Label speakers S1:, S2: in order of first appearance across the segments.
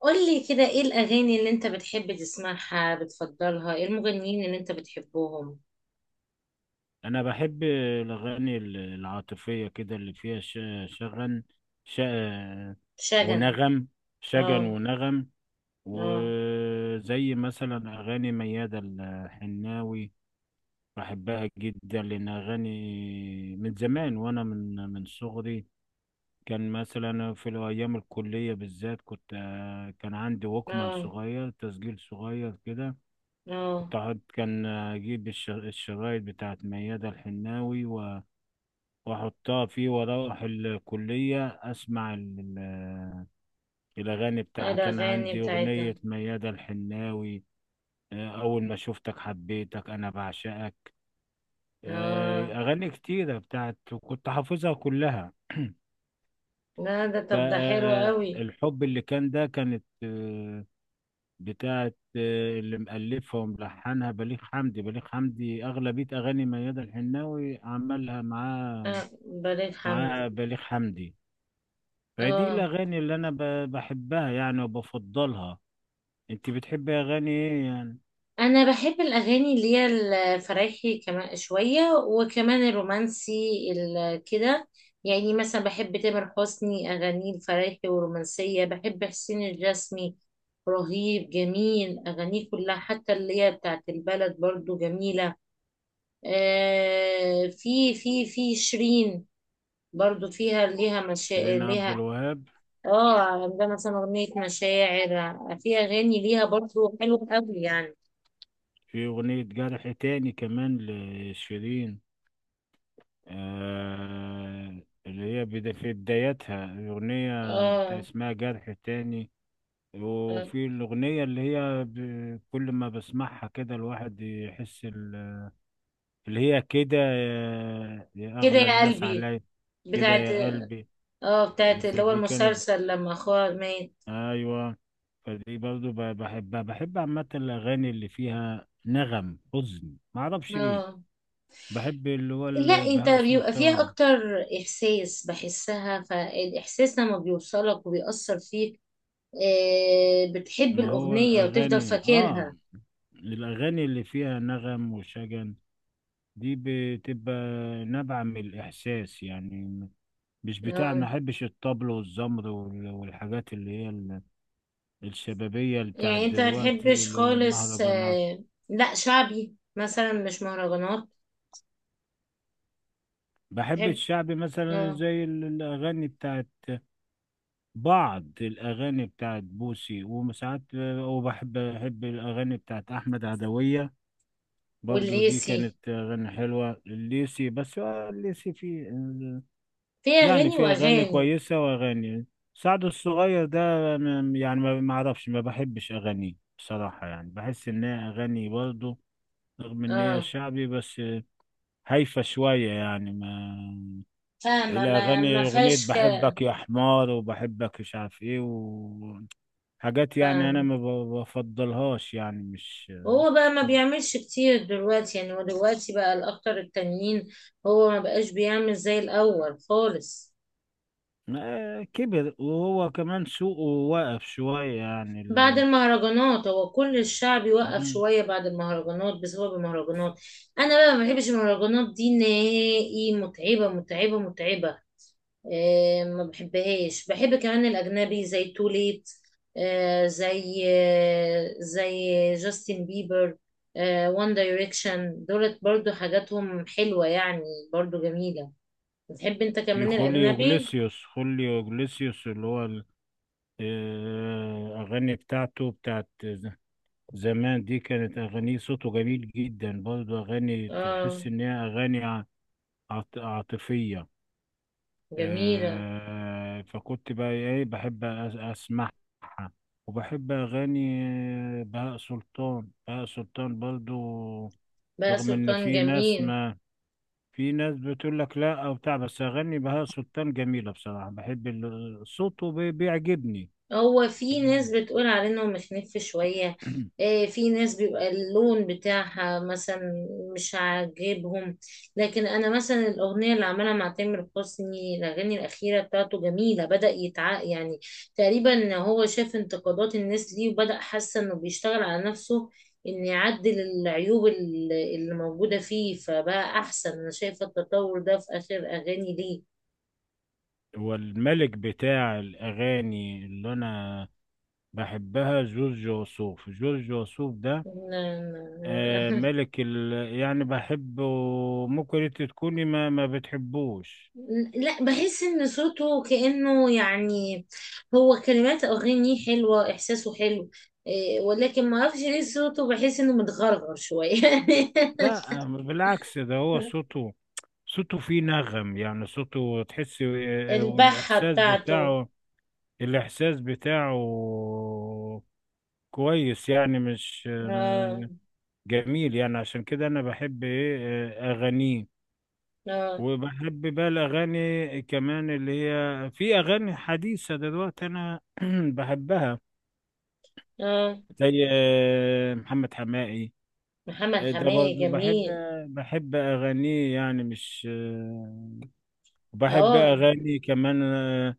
S1: قولي كده، ايه الأغاني اللي انت بتحب تسمعها بتفضلها؟ ايه المغنيين اللي انت بتحبهم؟
S2: انا بحب الاغاني العاطفيه كده اللي فيها ش- شغن ش...
S1: شجن.
S2: ونغم شجن
S1: اه.
S2: ونغم.
S1: اه.
S2: وزي مثلا اغاني ميادة الحناوي، بحبها جدا لان اغاني من زمان وانا من صغري. كان مثلا في الايام الكليه بالذات كنت آه، كان عندي ووكمان
S1: اه.
S2: صغير، تسجيل صغير كده.
S1: اه.
S2: كان اجيب الشرايط بتاعت ميادة الحناوي واحطها فيه واروح الكلية اسمع الاغاني
S1: ايه
S2: بتاعها. كان
S1: الأغاني
S2: عندي
S1: بتاعتها؟
S2: اغنية ميادة الحناوي. اول ما شفتك حبيتك انا بعشقك.
S1: اه.
S2: اغاني كتيرة كنت حافظها كلها.
S1: لا، ده طب ده حلو قوي.
S2: فالحب اللي كان ده كانت آه، بتاعت آه، اللي مألفها وملحنها بليغ حمدي. بليغ حمدي أغلبية أغاني ميادة الحناوي عملها معاه.
S1: اه، بليغ حمدي.
S2: معاها بليغ حمدي. فدي
S1: اه،
S2: الأغاني اللي أنا بحبها يعني وبفضلها. أنت بتحبي أغاني إيه يعني؟
S1: انا بحب الاغاني اللي هي الفرايحي كمان شويه، وكمان الرومانسي كده. يعني مثلا بحب تامر حسني اغانيه الفرايحي والرومانسيه، بحب حسين الجسمي، رهيب، جميل اغانيه كلها، حتى اللي هي بتاعت البلد برضو جميله. آه، في شيرين برضو، فيها ليها
S2: شيرين عبد
S1: ليها.
S2: الوهاب.
S1: اه، عندها مثلا اغنيه مشاعر، في اغاني ليها برضو حلوه قوي يعني.
S2: في أغنية جرح تاني كمان لشيرين. آه اللي هي بدا في بدايتها الأغنية بتاع
S1: اه.
S2: اسمها جرح تاني.
S1: آه.
S2: وفي الأغنية اللي هي كل ما بسمعها كده الواحد يحس اللي هي كده يا
S1: كده
S2: أغلى
S1: يا
S2: الناس
S1: قلبي
S2: عليا. كده
S1: بتاعت.
S2: يا قلبي.
S1: اه، بتاعت اللي هو
S2: فدي كانت
S1: المسلسل لما اخوها مات.
S2: ايوه، فدي برضو بحبها. بحب عامة الاغاني اللي فيها نغم حزن ما اعرفش ليه.
S1: اه.
S2: بحب اللي هو
S1: لا انت
S2: بهاء
S1: بيبقى فيها
S2: سلطان.
S1: اكتر احساس، بحسها، فالاحساس لما بيوصلك وبيأثر فيك. آه، بتحب
S2: ما هو
S1: الاغنية وتفضل فاكرها.
S2: الاغاني اللي فيها نغم وشجن دي بتبقى نابعة من الاحساس يعني. مش بتاع، ما
S1: اه.
S2: احبش الطبل والزمر والحاجات اللي هي الشبابية بتاعت
S1: يعني انت ما
S2: دلوقتي
S1: تحبش
S2: اللي هو
S1: خالص؟
S2: المهرجانات.
S1: آه، لا، شعبي مثلا، مش مهرجانات.
S2: بحب
S1: تحب.
S2: الشعبي مثلا
S1: اه،
S2: زي الاغاني بتاعت بعض الأغاني بتاعت بوسي وساعات. وبحب الأغاني بتاعت أحمد عدوية. برضو دي
S1: والليسي
S2: كانت أغاني حلوة الليسي. بس هو الليسي في
S1: فيها
S2: يعني
S1: اغاني
S2: في أغاني
S1: واغاني.
S2: كويسة وأغاني. سعد الصغير ده يعني ما أعرفش، ما بحبش أغانيه بصراحة، يعني بحس إن هي أغاني برضو، رغم إن هي
S1: اه.
S2: شعبي، بس هايفة شوية يعني ما
S1: فاهمة، ما
S2: الأغاني أغنية
S1: فيهاش كلام.
S2: بحبك يا حمار وبحبك مش عارف إيه، حاجات يعني انا
S1: فاهمة.
S2: ما بفضلهاش يعني.
S1: هو بقى
S2: مش
S1: ما
S2: كويس.
S1: بيعملش كتير دلوقتي، يعني هو دلوقتي بقى الأخطر التانيين. هو ما بقاش بيعمل زي الأول خالص.
S2: كبر وهو كمان سوقه واقف شوية يعني
S1: بعد
S2: ال...
S1: المهرجانات هو كل الشعب يوقف
S2: مم.
S1: شوية، بعد المهرجانات، بسبب المهرجانات. أنا بقى ما بحبش المهرجانات دي نهائي، متعبة متعبة متعبة. آه، ما بحبهاش. بحب كمان الأجنبي زي توليت، آه، زي آه، زي جاستن بيبر، آه، وان دايركشن دولت برضو حاجاتهم حلوة يعني، برضو جميلة. بتحب انت
S2: في
S1: كمان
S2: خوليو
S1: الأجنبي؟
S2: جليسيوس، خوليو جليسيوس اللي هو. أغاني بتاعته بتاعت زمان، دي كانت أغانيه صوته جميل جدا برضه، أغاني تحس
S1: اه،
S2: إن هي أغاني عاطفية.
S1: جميلة.
S2: فكنت بقى ايه بحب اسمعها. وبحب اغاني بهاء سلطان، بهاء سلطان برضو.
S1: بقى
S2: رغم ان
S1: سلطان
S2: في ناس
S1: جميل.
S2: ما، في ناس بتقول لك لا او بتاع، بس اغاني بهاء سلطان جميلة بصراحة. بحب صوته بيعجبني.
S1: هو في ناس
S2: ال-
S1: بتقول عليه انه مخنف شوية. آه، في ناس بيبقى اللون بتاعها مثلا مش عاجبهم. لكن انا مثلا الاغنية اللي عملها مع تامر حسني، الاغاني الاخيرة بتاعته جميلة، بدأ يتع يعني تقريبا هو شاف انتقادات الناس ليه وبدأ، حاسة انه بيشتغل على نفسه ان يعدل العيوب اللي موجودة فيه، فبقى احسن. انا شايفة التطور ده في اخر اغاني ليه.
S2: هو الملك بتاع الاغاني اللي انا بحبها جورج وسوف، جورج وسوف ده.
S1: لا. لا.
S2: ملك يعني بحبه. ممكن انت تكوني ما بتحبوش.
S1: لا، بحس ان صوته كأنه يعني، هو كلمات اغانيه حلوة، احساسه حلو. إيه، ولكن ما اعرفش ليه صوته بحس انه متغرغر شوية.
S2: لا بالعكس، ده هو صوته. صوته فيه نغم يعني صوته تحسي
S1: البحة
S2: والإحساس
S1: بتاعته.
S2: بتاعه. الإحساس بتاعه كويس يعني مش
S1: آه.
S2: جميل يعني. عشان كده أنا بحب إيه، أغانيه.
S1: آه.
S2: وبحب بقى الأغاني كمان اللي هي في أغاني حديثة دلوقتي، أنا بحبها،
S1: آه،
S2: زي محمد حماقي.
S1: محمد
S2: ده
S1: حماية
S2: برضه بحب،
S1: جميل.
S2: بحب أغانيه يعني مش. وبحب
S1: اه.
S2: أغاني كمان آه،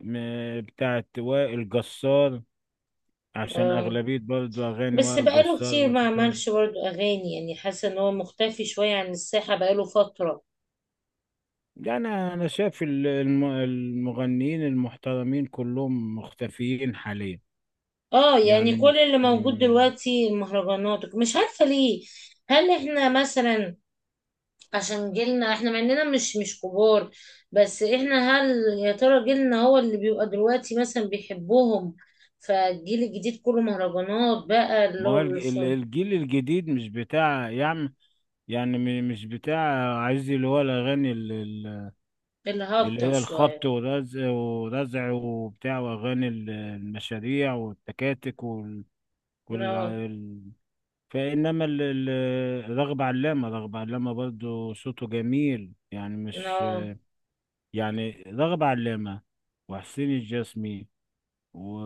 S2: م- بتاعت وائل جسار، عشان
S1: اه،
S2: أغلبية برضه أغاني
S1: بس
S2: وائل
S1: بقاله
S2: جسار
S1: كتير ما
S2: وصوتها.
S1: عملش برضه اغاني، يعني حاسة ان هو مختفي شوية عن الساحة بقاله فترة.
S2: يعني أنا شايف المغنيين المحترمين كلهم مختفيين حاليا،
S1: اه، يعني
S2: يعني
S1: كل
S2: مش
S1: اللي موجود دلوقتي المهرجانات، مش عارفة ليه. هل احنا مثلا، عشان جيلنا احنا مع اننا مش كبار، بس احنا هل، يا ترى جيلنا هو اللي بيبقى دلوقتي مثلا بيحبهم، فالجيل الجديد كله مهرجانات بقى
S2: ما
S1: اللي هو
S2: هو الجيل الجديد مش بتاع يعني، يعني مش بتاع. عايز اللي هو الأغاني
S1: اللي
S2: اللي
S1: هابطة
S2: هي
S1: شوية.
S2: الخبط ورزع ورزع وبتاع وأغاني المشاريع والتكاتك وال...
S1: لا.
S2: ال- فإنما رغب علامة، رغب علامة برضو صوته جميل يعني مش.
S1: لا،
S2: يعني رغب علامة وحسين الجسمي و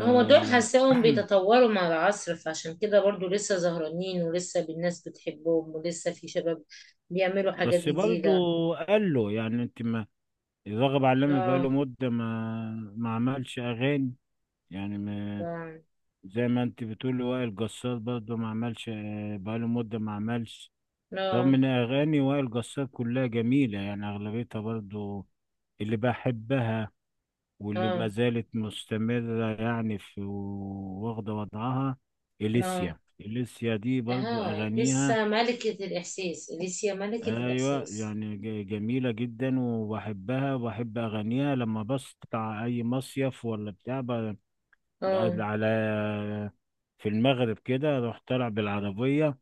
S1: هما دول حاساهم بيتطوروا مع العصر، فعشان كده برضو لسه زهرانين، ولسه الناس بتحبهم، ولسه في شباب بيعملوا حاجات
S2: بس برضو
S1: جديدة.
S2: قال له يعني انت ما. رغب علامة بقاله
S1: اه.
S2: مدة ما عملش أغاني يعني.
S1: آه.
S2: زي ما انت بتقولي وائل جسار برضه ما عملش بقاله مدة ما عملش. رغم
S1: لا.
S2: ان اغاني وائل جسار كلها جميلة يعني اغلبيتها برضه، اللي بحبها، واللي ما
S1: اه.
S2: زالت مستمرة يعني في، واخدة وضعها.
S1: لا.
S2: إليسيا، إليسيا دي برضه
S1: اها،
S2: اغانيها.
S1: لسه ملكة الإحساس، لسه ملكة
S2: ايوه
S1: الإحساس.
S2: يعني جميلة جدا وبحبها. وبحب اغانيها لما بسطع اي مصيف ولا بتاع
S1: اه.
S2: على، في المغرب كده اروح طالع بالعربية،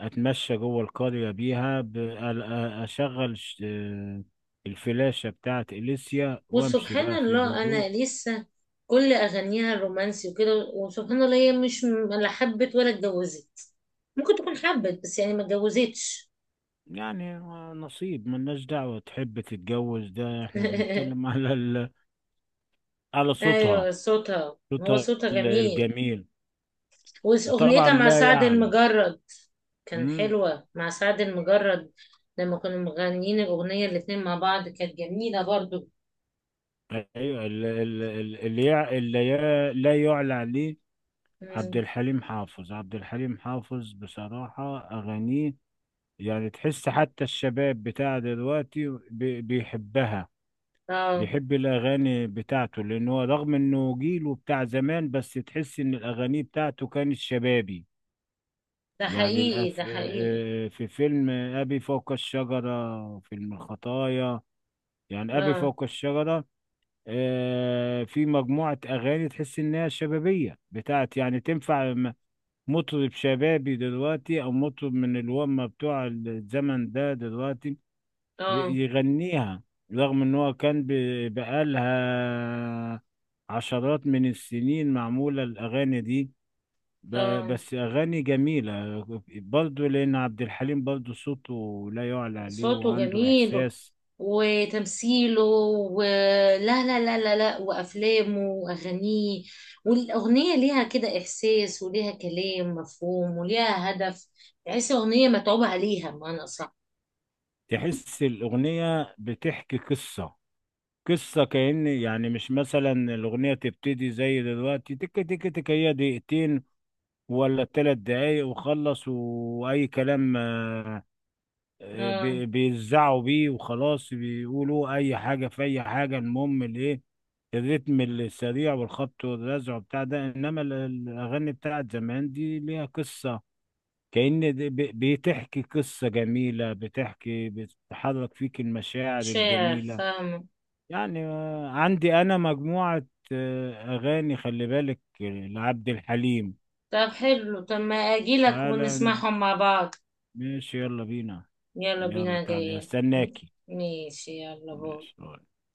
S2: اتمشى جوه القرية بيها اشغل الفلاشة بتاعت اليسيا وامشي
S1: وسبحان
S2: بقى في
S1: الله أنا
S2: الهدوء.
S1: لسه، كل أغانيها الرومانسي وكده، وسبحان الله هي مش م- لا حبت ولا اتجوزت، ممكن تكون حبت بس يعني ما اتجوزتش.
S2: يعني نصيب، ملناش دعوة تحب تتجوز، ده احنا بنتكلم على على
S1: أيوة،
S2: صوتها.
S1: صوتها، هو
S2: صوتها
S1: صوتها جميل.
S2: الجميل. وطبعا
S1: وأغنيتها مع
S2: لا
S1: سعد
S2: يعلو.
S1: المجرد كان
S2: مم.
S1: حلوة، مع سعد المجرد لما كانوا مغنيين الأغنية الاتنين مع بعض، كانت جميلة برضو.
S2: ايوه اللي يع- اللي يا- لا يعلى عليه. عبد
S1: مم.
S2: الحليم حافظ، عبد الحليم حافظ بصراحة أغانيه. يعني تحس حتى الشباب بتاع دلوقتي بيحبها،
S1: اه.
S2: بيحب الأغاني بتاعته، لأن هو رغم إنه جيله بتاع زمان، بس تحس إن الأغاني بتاعته كانت شبابي.
S1: ده
S2: يعني
S1: حقيقي،
S2: الأف...
S1: ده حقيقي.
S2: آه، آه، في فيلم أبي فوق الشجرة، فيلم الخطايا. يعني أبي
S1: اه.
S2: فوق الشجرة. في مجموعة أغاني تحس إنها شبابية بتاعت، يعني تنفع مطرب شبابي دلوقتي أو مطرب من الومة بتوع الزمن ده دلوقتي ي-
S1: اه.
S2: يغنيها. رغم ان هو كان بقالها عشرات من السنين معمولة الأغاني دي،
S1: اه،
S2: بس أغاني جميلة برضه، لأن عبد الحليم برضه صوته لا يعلى عليه
S1: صوته
S2: وعنده
S1: جميل،
S2: إحساس.
S1: وتمثيله. ولا لا، وافلامه واغانيه، والاغنيه ليها كده احساس، وليها كلام مفهوم، وليها هدف، تحس اغنيه متعوب عليها بمعنى صح.
S2: تحس الأغنية بتحكي قصة، قصة كأن. يعني مش مثلا الأغنية تبتدي زي دلوقتي تك تك تك، هي دقيقتين ولا 3 دقايق وخلص وأي كلام.
S1: اه،
S2: بيزعوا بيه وخلاص، بيقولوا اي حاجه في اي حاجه، المهم الايه، الريتم السريع والخبط والرزع بتاع ده. انما الاغاني بتاعت زمان دي ليها قصه، كأن بتحكي قصه جميله، بتحرك فيك المشاعر
S1: شعر،
S2: الجميله.
S1: فاهمه.
S2: يعني عندي انا مجموعه اغاني، خلي بالك، لعبد الحليم.
S1: طب حلو، طب ما اجيلك
S2: تعالى
S1: ونسمعهم
S2: نعزف.
S1: مع بعض.
S2: ماشي، يلا بينا.
S1: يلا
S2: يلا
S1: بينا،
S2: تعالى
S1: جايين.
S2: استناكي.
S1: ماشي يلا بو.
S2: ماشي.